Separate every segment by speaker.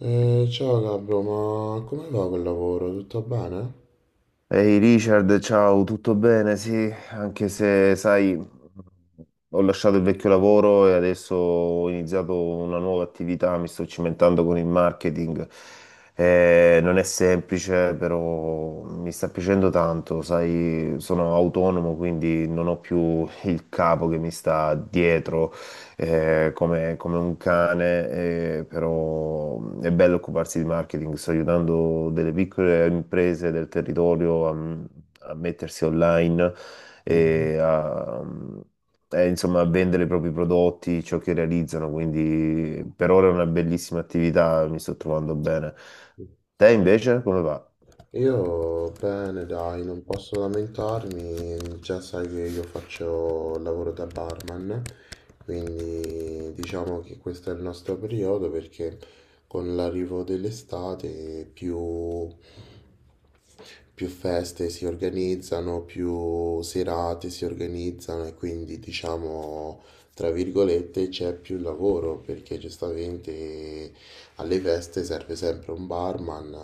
Speaker 1: Ciao Gabro, ma come va col lavoro? Tutto bene?
Speaker 2: Ehi Richard, ciao, tutto bene? Sì, anche se sai, ho lasciato il vecchio lavoro e adesso ho iniziato una nuova attività, mi sto cimentando con il marketing. Non è semplice, però mi sta piacendo tanto, sai, sono autonomo, quindi non ho più il capo che mi sta dietro come un cane, però è bello occuparsi di marketing. Sto aiutando delle piccole imprese del territorio a, a mettersi online e a, insomma, a vendere i propri prodotti, ciò che realizzano. Quindi per ora è una bellissima attività, mi sto trovando bene. Te invece come va?
Speaker 1: Io bene, dai, non posso lamentarmi, già sai che io faccio il lavoro da barman, quindi diciamo che questo è il nostro periodo perché con l'arrivo dell'estate più feste si organizzano, più serate si organizzano e quindi diciamo, tra virgolette, c'è più lavoro perché giustamente alle feste serve sempre un barman,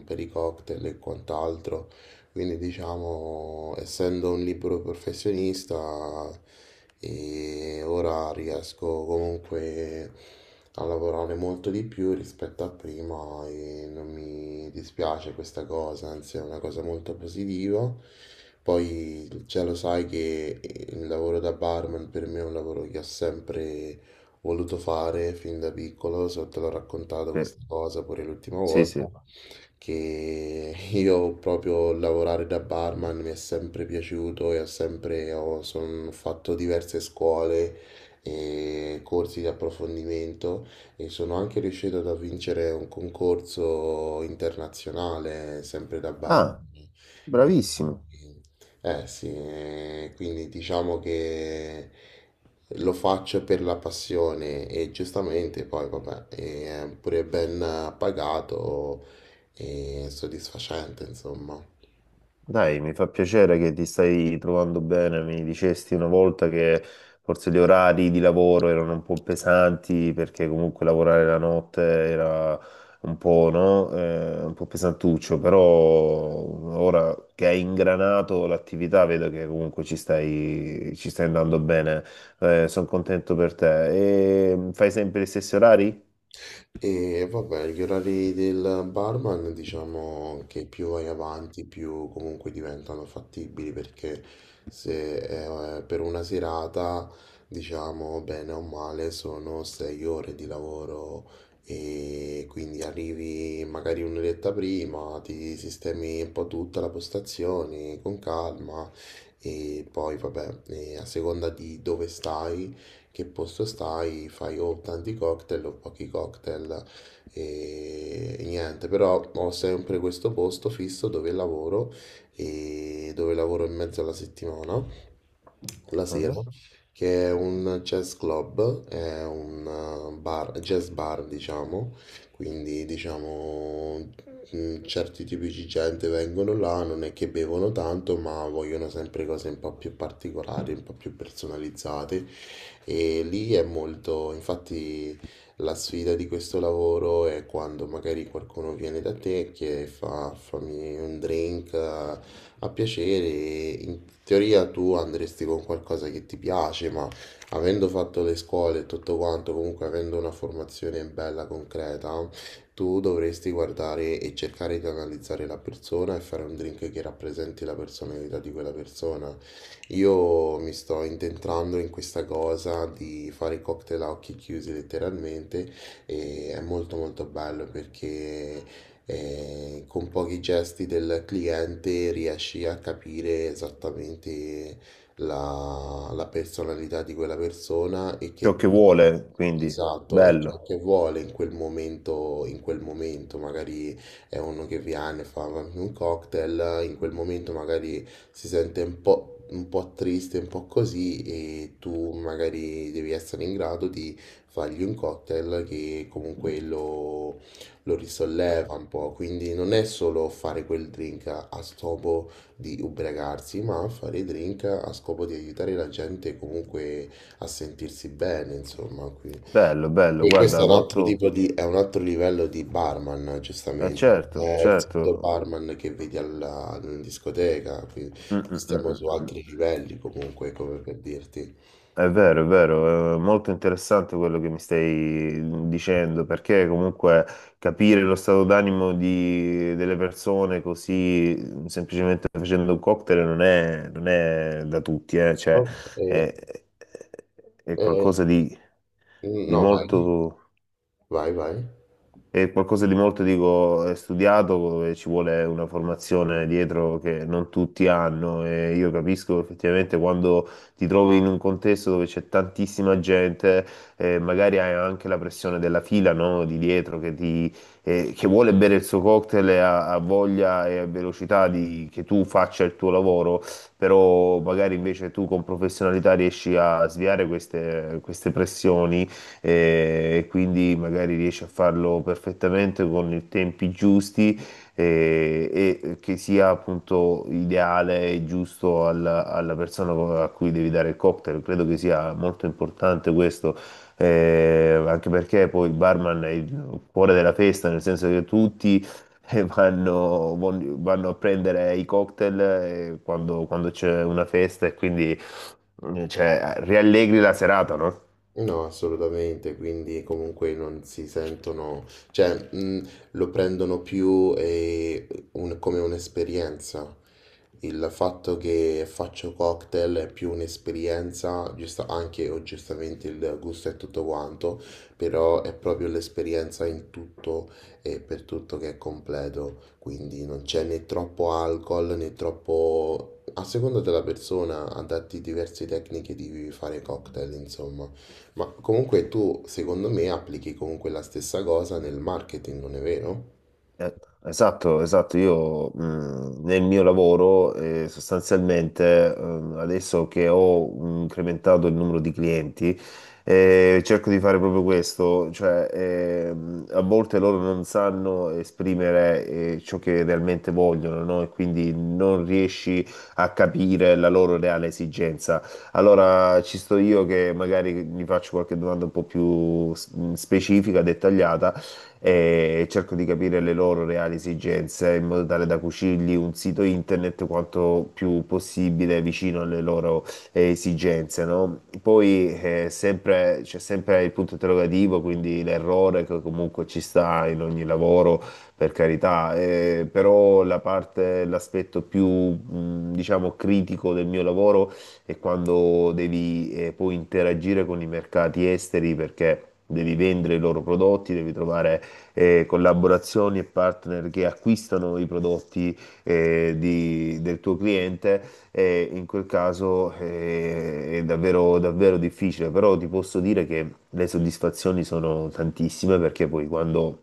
Speaker 1: per i cocktail e quant'altro. Quindi diciamo, essendo un libero professionista, e ora riesco comunque a lavorare molto di più rispetto a prima e non mi dispiace questa cosa, anzi è una cosa molto positiva. Poi già lo sai che il lavoro da barman per me è un lavoro che ho sempre voluto fare fin da piccolo, so, te l'ho raccontato
Speaker 2: Sì,
Speaker 1: questa cosa pure l'ultima
Speaker 2: sì.
Speaker 1: volta che io proprio lavorare da barman mi è sempre piaciuto e ho son fatto diverse scuole e corsi di approfondimento e sono anche riuscito a vincere un concorso internazionale sempre da barman.
Speaker 2: Ah, bravissimo.
Speaker 1: Quindi, eh sì, quindi diciamo che lo faccio per la passione e giustamente poi vabbè, è pure ben pagato e soddisfacente, insomma.
Speaker 2: Dai, mi fa piacere che ti stai trovando bene. Mi dicesti una volta che forse gli orari di lavoro erano un po' pesanti perché comunque lavorare la notte era un po', no? Un po' pesantuccio, però ora che hai ingranato l'attività vedo che comunque ci stai andando bene. Sono contento per te. E fai sempre gli stessi orari?
Speaker 1: E vabbè, gli orari del barman diciamo che più vai avanti, più comunque diventano fattibili perché se per una serata, diciamo bene o male, sono 6 ore di lavoro e quindi arrivi magari un'oretta prima, ti sistemi un po' tutta la postazione con calma. E poi, vabbè, a seconda di dove stai, che posto stai, fai o tanti cocktail o pochi cocktail e niente, però ho sempre questo posto fisso dove lavoro e dove lavoro in mezzo alla settimana, la sera.
Speaker 2: Mhm.
Speaker 1: Mhm. Che è un jazz club, è un bar, jazz bar diciamo, quindi diciamo certi tipi di gente vengono là, non è che bevono tanto, ma vogliono sempre cose un po' più particolari, un po' più personalizzate. E lì è molto, infatti, la sfida di questo lavoro è quando magari qualcuno viene da te e chiede fammi un drink a piacere. In teoria tu andresti con qualcosa che ti piace, ma avendo fatto le scuole e tutto quanto, comunque avendo una formazione bella concreta, tu dovresti guardare e cercare di analizzare la persona e fare un drink che rappresenti la personalità di quella persona. Io mi sto intentrando in questa cosa di fare cocktail a occhi chiusi letteralmente e è molto molto bello perché con pochi gesti del cliente riesci a capire esattamente la personalità di quella persona e
Speaker 2: Ciò
Speaker 1: che
Speaker 2: che vuole, quindi
Speaker 1: esatto, è ciò
Speaker 2: bello,
Speaker 1: che vuole in quel momento magari è uno che viene, fa un cocktail, in quel momento magari si sente un po' triste, un po' così e tu magari devi essere in grado di fargli un cocktail che comunque lo risolleva un po', quindi non è solo fare quel drink a scopo di ubriacarsi, ma fare drink a scopo di aiutare la gente comunque a sentirsi bene, insomma, quindi...
Speaker 2: bello, bello,
Speaker 1: E questo è
Speaker 2: guarda,
Speaker 1: un altro
Speaker 2: molto.
Speaker 1: tipo di, è un altro livello di barman, giustamente. Non
Speaker 2: Certo,
Speaker 1: è il solito
Speaker 2: certo.
Speaker 1: barman che vedi alla discoteca, quindi
Speaker 2: Mm, mm, mm,
Speaker 1: stiamo
Speaker 2: mm.
Speaker 1: su
Speaker 2: mm.
Speaker 1: altri livelli comunque, come per dirti.
Speaker 2: È vero, è vero, è molto interessante quello che mi stai dicendo, perché comunque capire lo stato d'animo di- delle persone così semplicemente facendo un cocktail non è da tutti, cioè,
Speaker 1: Ok,
Speaker 2: è, è
Speaker 1: eh,
Speaker 2: qualcosa di
Speaker 1: no, vai,
Speaker 2: molto.
Speaker 1: vai, vai.
Speaker 2: È qualcosa di molto, dico, è studiato, dove ci vuole una formazione dietro che non tutti hanno e io capisco effettivamente quando ti trovi in un contesto dove c'è tantissima gente, magari hai anche la pressione della fila, no, di dietro che, ti, che vuole bere il suo cocktail e ha, ha voglia e ha velocità di, che tu faccia il tuo lavoro, però magari invece tu con professionalità riesci a sviare queste pressioni e quindi magari riesce a farlo perfettamente con i tempi giusti eh, e che sia appunto ideale e giusto alla, alla persona a cui devi dare il cocktail. Credo che sia molto importante questo. Anche perché poi il barman è il cuore della festa, nel senso che tutti e vanno, vanno a prendere i cocktail quando c'è una festa e quindi cioè, riallegri la serata, no?
Speaker 1: No, assolutamente, quindi comunque non si sentono, cioè, lo prendono più un- come un'esperienza. Il fatto che faccio cocktail è più un'esperienza, giusta- anche o giustamente il gusto è tutto quanto, però è proprio l'esperienza in tutto e per tutto che è completo, quindi non c'è né troppo alcol né troppo... A seconda della persona, adatti diverse tecniche di fare cocktail, insomma. Ma comunque tu, secondo me, applichi comunque la stessa cosa nel marketing, non è vero?
Speaker 2: Eh, Esatto, esatto. Io nel mio lavoro sostanzialmente adesso che ho incrementato il numero di clienti cerco di fare proprio questo, cioè a volte loro non sanno esprimere ciò che realmente vogliono, no? E quindi non riesci a capire la loro reale esigenza. Allora ci sto io che magari mi faccio qualche domanda un po' più s- specifica, dettagliata e cerco di capire le loro reali esigenze in modo tale da cucirgli un sito internet quanto più possibile vicino alle loro esigenze, no? Poi c'è sempre il punto interrogativo, quindi l'errore che comunque ci sta in ogni lavoro, per carità, però la parte, l'aspetto più, diciamo, critico del mio lavoro è quando devi poi interagire con i mercati esteri perché... Devi vendere i loro prodotti, devi trovare collaborazioni e partner che acquistano i prodotti del tuo cliente, in quel caso è davvero, davvero difficile, però ti posso dire che le soddisfazioni sono tantissime perché poi quando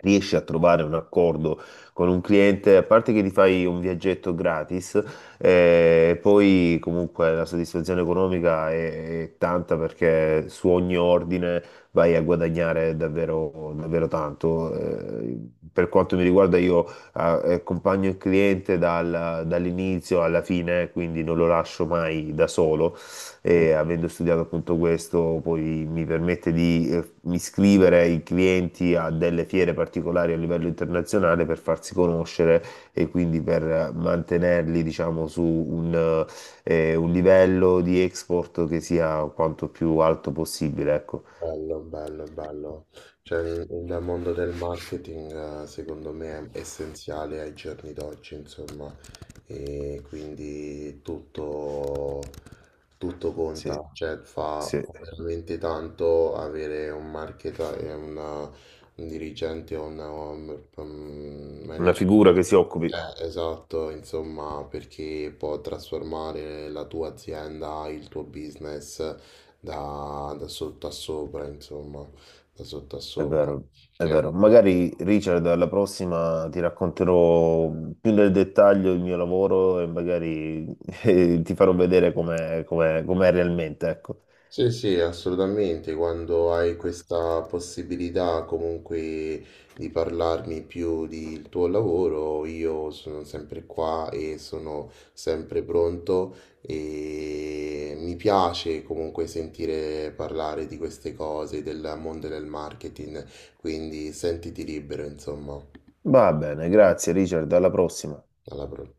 Speaker 2: riesci a trovare un accordo con un cliente, a parte che ti fai un viaggetto gratis, poi comunque la soddisfazione economica è tanta perché su ogni ordine vai a guadagnare davvero, davvero tanto. Per quanto mi riguarda io accompagno il cliente dall'inizio alla fine, quindi non lo lascio mai da solo e avendo studiato appunto questo, poi mi permette di iscrivere i clienti a delle fiere particolari a livello internazionale per farsi conoscere e quindi per mantenerli, diciamo, su un livello di export che sia quanto più alto possibile, ecco.
Speaker 1: Bello, bello, bello. Cioè, il mondo del marketing, secondo me, è essenziale ai giorni d'oggi, insomma, e quindi tutto, tutto
Speaker 2: Sì,
Speaker 1: conta, cioè fa,
Speaker 2: sì.
Speaker 1: fa veramente tanto avere un marketer e una- un dirigente o una- un
Speaker 2: Una
Speaker 1: manager.
Speaker 2: figura che si occupi.
Speaker 1: Esatto, insomma, perché può trasformare la tua azienda, il tuo business da sotto a sopra, insomma, da sotto a
Speaker 2: È
Speaker 1: sopra.
Speaker 2: vero, è
Speaker 1: Che...
Speaker 2: vero. Magari Richard, alla prossima ti racconterò più nel dettaglio il mio lavoro e magari ti farò vedere com'è realmente, ecco.
Speaker 1: Sì, sì, assolutamente, quando hai questa possibilità comunque di parlarmi più del tuo lavoro, io sono sempre qua e sono sempre pronto e mi piace comunque sentire parlare di queste cose, del mondo del marketing, quindi sentiti libero, insomma,
Speaker 2: Va bene, grazie Richard, alla prossima.
Speaker 1: alla prossima.